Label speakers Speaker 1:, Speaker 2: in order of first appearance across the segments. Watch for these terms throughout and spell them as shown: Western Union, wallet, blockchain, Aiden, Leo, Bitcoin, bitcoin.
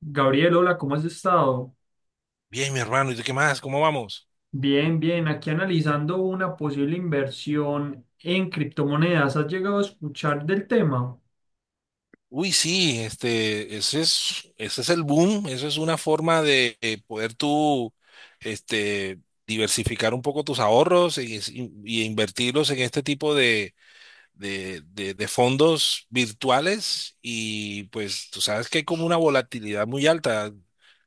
Speaker 1: Gabriel, hola, ¿cómo has estado?
Speaker 2: Bien, mi hermano, ¿y tú qué más? ¿Cómo vamos?
Speaker 1: Bien, bien, aquí analizando una posible inversión en criptomonedas. ¿Has llegado a escuchar del tema?
Speaker 2: Uy, sí, ese es el boom. Eso es una forma de poder tú, este, diversificar un poco tus ahorros y invertirlos en este tipo de fondos virtuales, y pues tú sabes que hay como una volatilidad muy alta,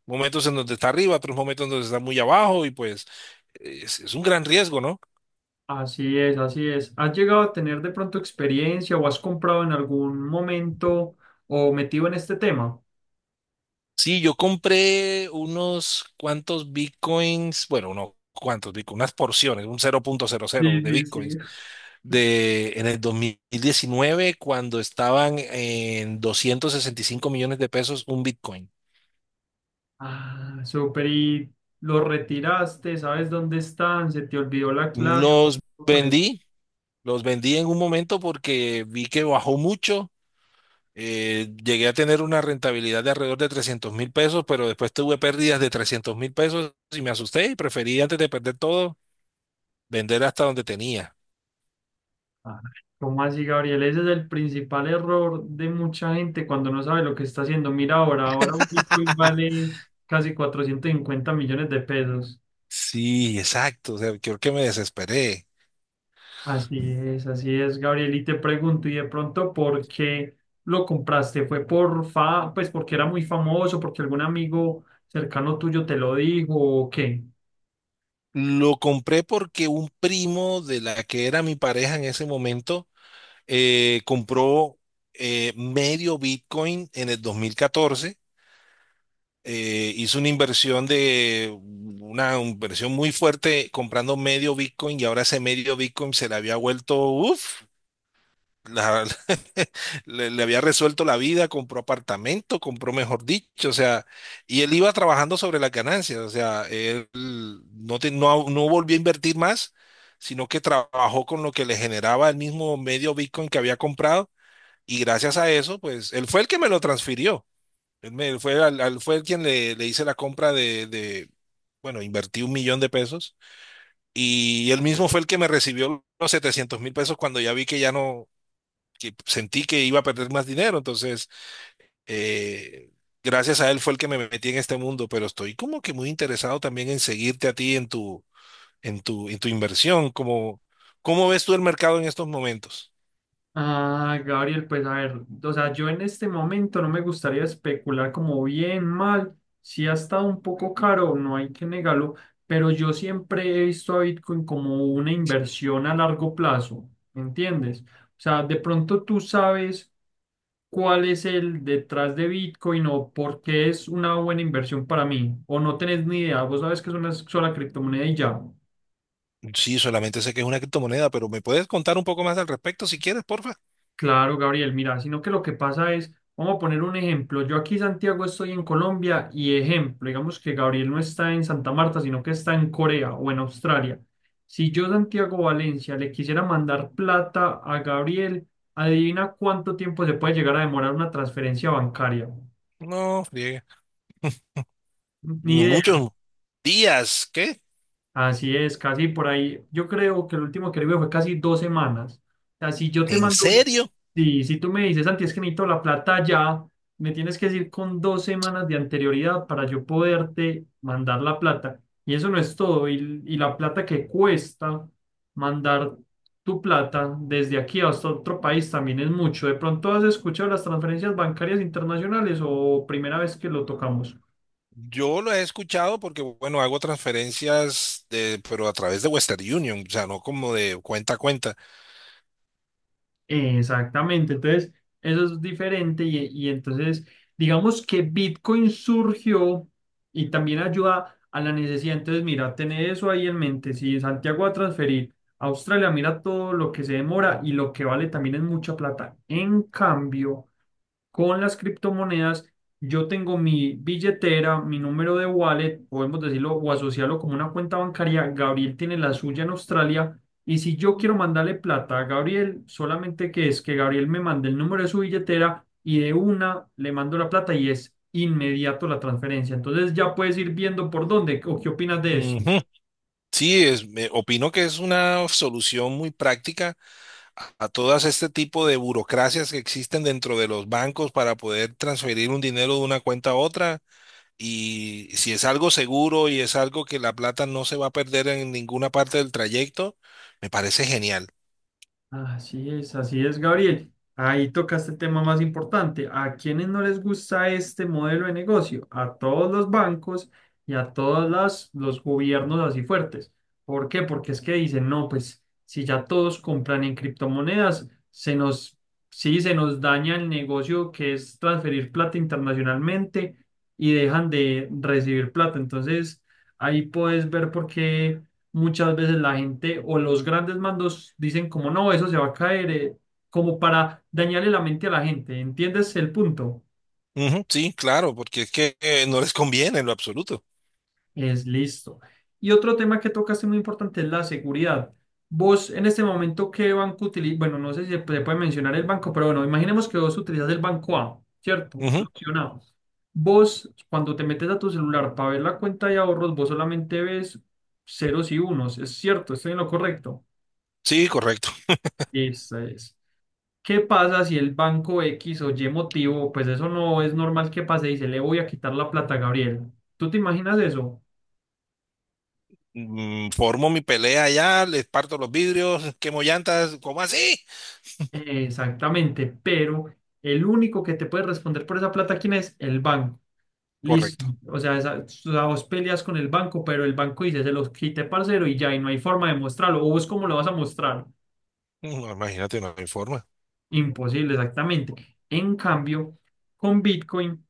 Speaker 2: momentos en donde está arriba, otros momentos en donde está muy abajo, y pues es un gran riesgo, ¿no?
Speaker 1: Así es, así es. ¿Has llegado a tener de pronto experiencia o has comprado en algún momento o metido en este tema?
Speaker 2: Sí, yo compré unos cuantos bitcoins. Bueno, no cuantos bitcoins, unas porciones, un cero cero punto cero cero
Speaker 1: Sí,
Speaker 2: de
Speaker 1: sí,
Speaker 2: bitcoins
Speaker 1: sí.
Speaker 2: de en el 2019, cuando estaban en 265 millones de pesos un bitcoin.
Speaker 1: Ah, súper. ¿Y lo retiraste? ¿Sabes dónde están? ¿Se te olvidó la clave?
Speaker 2: Los vendí, los vendí en un momento porque vi que bajó mucho. Llegué a tener una rentabilidad de alrededor de 300.000 pesos, pero después tuve pérdidas de 300.000 pesos, y me asusté y preferí, antes de perder todo, vender hasta donde tenía.
Speaker 1: Ah, ¿cómo así, Gabriel? Ese es el principal error de mucha gente cuando no sabe lo que está haciendo. Mira ahora, ahora un Bitcoin vale casi 450 millones de pesos.
Speaker 2: Sí, exacto. O sea, creo que me desesperé.
Speaker 1: Así es, Gabriel. Y te pregunto, ¿y de pronto por qué lo compraste? ¿Fue por fa, pues porque era muy famoso, porque algún amigo cercano tuyo te lo dijo o qué?
Speaker 2: Lo compré porque un primo de la que era mi pareja en ese momento compró medio Bitcoin en el 2014. Hizo una inversión de una inversión muy fuerte, comprando medio Bitcoin, y ahora ese medio Bitcoin se le había vuelto, uff. la- le había resuelto la vida. Compró apartamento, compró, mejor dicho, o sea, y él iba trabajando sobre las ganancias. O sea, él no, no, no volvió a invertir más, sino que trabajó con lo que le generaba el mismo medio Bitcoin que había comprado, y gracias a eso, pues, él fue el que me lo transfirió, él, me, él fue, al, al- fue el quien le hice la compra bueno, invertí un millón de pesos. Y él mismo fue el que me recibió los 700.000 pesos cuando ya vi que ya no, que sentí que iba a perder más dinero. Entonces, eh, gracias a él fue el que me metí en este mundo. Pero estoy como que muy interesado también en seguirte a ti en tu, inversión. Como, ¿cómo ves tú el mercado en estos momentos?
Speaker 1: Ah, Gabriel, pues a ver, o sea, yo en este momento no me gustaría especular como bien, mal, si ha estado un poco caro, no hay que negarlo, pero yo siempre he visto a Bitcoin como una inversión a largo plazo, ¿me entiendes? O sea, de pronto tú sabes cuál es el detrás de Bitcoin o por qué es una buena inversión para mí, o no tenés ni idea, vos sabes que es una sola criptomoneda y ya.
Speaker 2: Sí, solamente sé que es una criptomoneda, pero ¿me puedes contar un poco más al respecto si quieres, porfa?
Speaker 1: Claro, Gabriel, mira, sino que lo que pasa es, vamos a poner un ejemplo, yo aquí Santiago estoy en Colombia y ejemplo, digamos que Gabriel no está en Santa Marta, sino que está en Corea o en Australia. Si yo Santiago Valencia le quisiera mandar plata a Gabriel, adivina cuánto tiempo se puede llegar a demorar una transferencia bancaria.
Speaker 2: No, friegue.
Speaker 1: Ni
Speaker 2: Muchos días, ¿qué?
Speaker 1: Así es, casi por ahí. Yo creo que el último que le vi fue casi 2 semanas. O sea, si yo te
Speaker 2: ¿En
Speaker 1: mando,
Speaker 2: serio?
Speaker 1: si tú me dices, Santi, es que necesito la plata ya, me tienes que decir con 2 semanas de anterioridad para yo poderte mandar la plata. Y eso no es todo. Y la plata que cuesta mandar tu plata desde aquí hasta otro país también es mucho. ¿De pronto has escuchado las transferencias bancarias internacionales o primera vez que lo tocamos?
Speaker 2: Yo lo he escuchado porque, bueno, hago transferencias de, pero a través de Western Union, o sea, no como de cuenta a cuenta.
Speaker 1: Exactamente, entonces eso es diferente y entonces digamos que Bitcoin surgió y también ayuda a la necesidad, entonces mira, tener eso ahí en mente, si Santiago va a transferir a Australia, mira todo lo que se demora y lo que vale también es mucha plata. En cambio, con las criptomonedas, yo tengo mi billetera, mi número de wallet, podemos decirlo o asociarlo como una cuenta bancaria. Gabriel tiene la suya en Australia. Y si yo quiero mandarle plata a Gabriel, solamente que es que Gabriel me mande el número de su billetera y de una le mando la plata y es inmediato la transferencia. Entonces ya puedes ir viendo por dónde o qué opinas de
Speaker 2: Ujú.
Speaker 1: esto.
Speaker 2: Sí, opino que es una solución muy práctica a todas este tipo de burocracias que existen dentro de los bancos para poder transferir un dinero de una cuenta a otra. Y si es algo seguro y es algo que la plata no se va a perder en ninguna parte del trayecto, me parece genial.
Speaker 1: Así es, Gabriel. Ahí tocaste el tema más importante. ¿A quiénes no les gusta este modelo de negocio? A todos los bancos y a todos los gobiernos así fuertes. ¿Por qué? Porque es que dicen, no, pues si ya todos compran en criptomonedas, se nos, sí, se nos daña el negocio que es transferir plata internacionalmente y dejan de recibir plata. Entonces, ahí puedes ver por qué muchas veces la gente o los grandes mandos dicen como no, eso se va a caer, como para dañarle la mente a la gente. ¿Entiendes el punto?
Speaker 2: Ujú, sí, claro, porque es que no les conviene en lo absoluto.
Speaker 1: Es listo. Y otro tema que tocaste muy importante es la seguridad. Vos en este momento, ¿qué banco utilizas? Bueno, no sé si se puede mencionar el banco, pero bueno, imaginemos que vos utilizas el banco A, ¿cierto? La
Speaker 2: Ujú,
Speaker 1: opción A. Vos, cuando te metes a tu celular para ver la cuenta de ahorros, vos solamente ves ceros y unos. Es cierto, estoy en lo correcto.
Speaker 2: sí, correcto.
Speaker 1: Esa es. ¿Qué pasa si el banco X o Y motivo, pues eso no es normal que pase, dice, le voy a quitar la plata a Gabriel? ¿Tú te imaginas eso?
Speaker 2: Formo mi pelea allá, les parto los vidrios, quemo llantas, ¿cómo así?
Speaker 1: Exactamente, pero el único que te puede responder por esa plata, ¿quién es? El banco. Listo.
Speaker 2: Correcto.
Speaker 1: O sea, esa, o sea, vos peleas con el banco, pero el banco dice, se los quité, parcero, y ya, y no hay forma de mostrarlo. ¿O vos cómo lo vas a mostrar?
Speaker 2: No, imagínate, no hay forma.
Speaker 1: Imposible, exactamente. En cambio, con Bitcoin.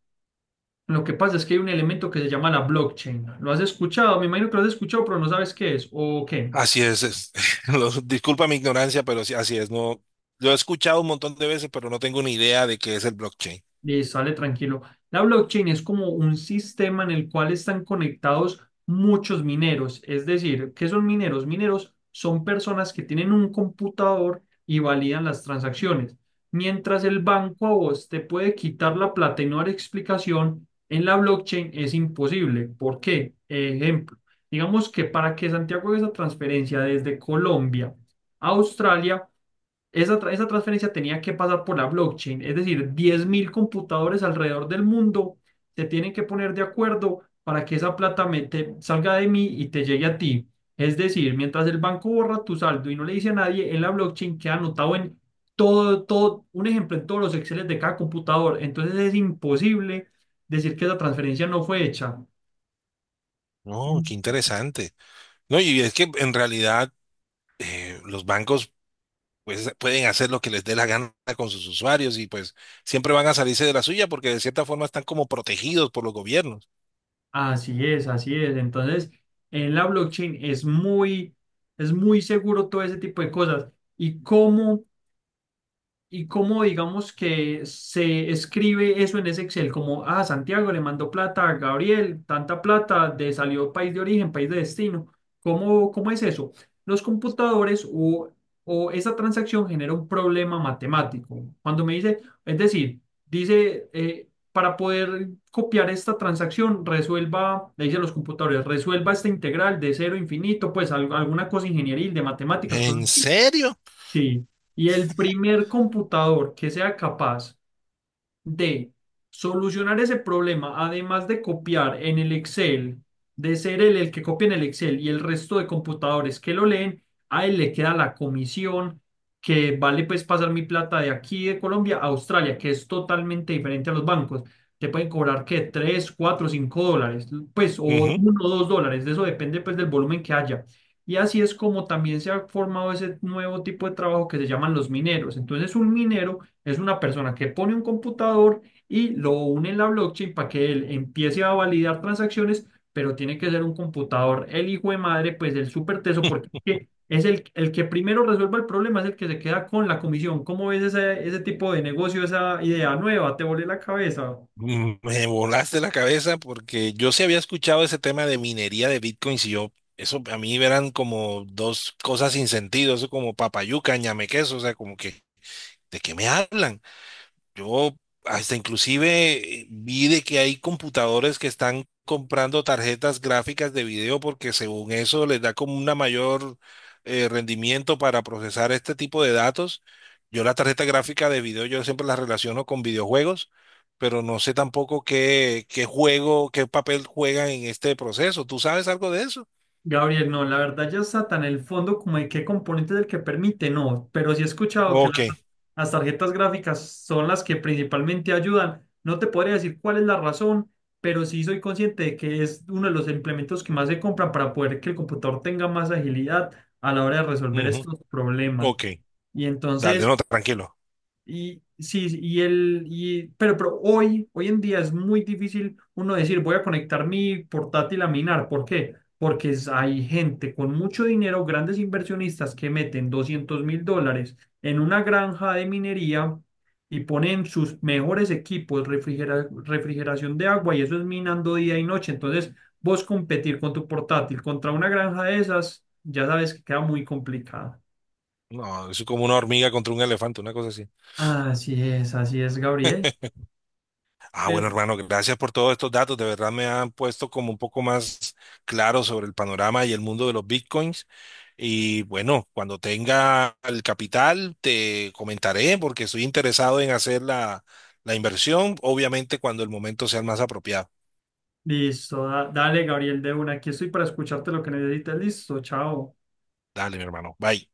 Speaker 1: Lo que pasa es que hay un elemento que se llama la blockchain. ¿Lo has escuchado? Me imagino que lo has escuchado, pero no sabes qué es. ¿O qué?
Speaker 2: Así es, disculpa mi ignorancia, pero sí, así es, no, lo he escuchado un montón de veces, pero no tengo ni idea de qué es el blockchain.
Speaker 1: Y sale tranquilo. La blockchain es como un sistema en el cual están conectados muchos mineros. Es decir, ¿qué son mineros? Mineros son personas que tienen un computador y validan las transacciones. Mientras el banco a vos te puede quitar la plata y no dar explicación, en la blockchain es imposible. ¿Por qué? Ejemplo, digamos que para que Santiago haga esa transferencia desde Colombia a Australia, esa transferencia tenía que pasar por la blockchain, es decir, 10,000 computadores alrededor del mundo se tienen que poner de acuerdo para que esa plata salga de mí y te llegue a ti. Es decir, mientras el banco borra tu saldo y no le dice a nadie, en la blockchain queda anotado en todo, todo, un ejemplo en todos los Exceles de cada computador. Entonces es imposible decir que esa transferencia no fue hecha.
Speaker 2: No, qué interesante. No, y es que en realidad los bancos pues, pueden hacer lo que les dé la gana con sus usuarios, y pues siempre van a salirse de la suya porque de cierta forma están como protegidos por los gobiernos.
Speaker 1: Así es, así es. Entonces, en la blockchain es muy seguro todo ese tipo de cosas. ¿Y cómo? ¿Y cómo digamos que se escribe eso en ese Excel? Como, ah, Santiago le mandó plata a Gabriel, tanta plata, de salió país de origen, país de destino. ¿Cómo, cómo es eso? Los computadores o esa transacción genera un problema matemático. Cuando me dice, es decir, dice, para poder copiar esta transacción, resuelva, le dice a los computadores, resuelva esta integral de cero a infinito, pues alguna cosa ingenieril de matemáticas, cosas.
Speaker 2: ¿En serio?
Speaker 1: Sí, y el primer computador que sea capaz de solucionar ese problema, además de copiar en el Excel, de ser él el que copia en el Excel y el resto de computadores que lo leen, a él le queda la comisión que vale pues pasar mi plata de aquí de Colombia a Australia, que es totalmente diferente a los bancos. Te pueden cobrar que 3 4 5 dólares, pues o uno o $2, de eso depende pues del volumen que haya. Y así es como también se ha formado ese nuevo tipo de trabajo que se llaman los mineros. Entonces un minero es una persona que pone un computador y lo une en la blockchain para que él empiece a validar transacciones, pero tiene que ser un computador, el hijo de madre, pues el súper teso, porque es que es el que primero resuelva el problema, es el que se queda con la comisión. ¿Cómo ves ese tipo de negocio, esa idea nueva? ¿Te volé la cabeza?
Speaker 2: Me volaste la cabeza, porque yo sí había escuchado ese tema de minería de bitcoins y yo, eso a mí eran como dos cosas sin sentido. Eso como papayuca, ñame queso, o sea, como que, ¿de qué me hablan? Yo hasta inclusive vi de que hay computadores que están comprando tarjetas gráficas de video, porque según eso les da como una mayor rendimiento para procesar este tipo de datos. Yo la tarjeta gráfica de video yo siempre la relaciono con videojuegos, pero no sé tampoco qué juego, qué papel juegan en este proceso. ¿Tú sabes algo de eso?
Speaker 1: Gabriel, no, la verdad ya está tan en el fondo como de qué componente es el que permite, no, pero sí he escuchado que
Speaker 2: Ok,
Speaker 1: las tarjetas gráficas son las que principalmente ayudan. No te podría decir cuál es la razón, pero sí soy consciente de que es uno de los implementos que más se compran para poder que el computador tenga más agilidad a la hora de resolver
Speaker 2: ujú,
Speaker 1: estos problemas.
Speaker 2: ok.
Speaker 1: Y
Speaker 2: Dale,
Speaker 1: entonces...
Speaker 2: no, tranquilo.
Speaker 1: Y sí, pero hoy en día es muy difícil uno decir voy a conectar mi portátil a minar. ¿Por qué? Porque es- hay gente con mucho dinero, grandes inversionistas que meten $200,000 en una granja de minería y ponen sus mejores equipos, refrigeración de agua y eso es minando día y noche. Entonces, vos competir con tu portátil contra una granja de esas, ya sabes que queda muy complicado.
Speaker 2: No, es como una hormiga contra un elefante, una cosa así.
Speaker 1: Así es, Gabriel.
Speaker 2: Ah, bueno, hermano, gracias por todos estos datos. De verdad me han puesto como un poco más claro sobre el panorama y el mundo de los bitcoins. Y bueno, cuando tenga el capital, te comentaré porque estoy interesado en hacer la inversión, obviamente cuando el momento sea el más apropiado.
Speaker 1: Listo, dale, Gabriel, de una. Aquí estoy para escucharte lo que necesites. Listo, chao.
Speaker 2: Dale, mi hermano. Bye.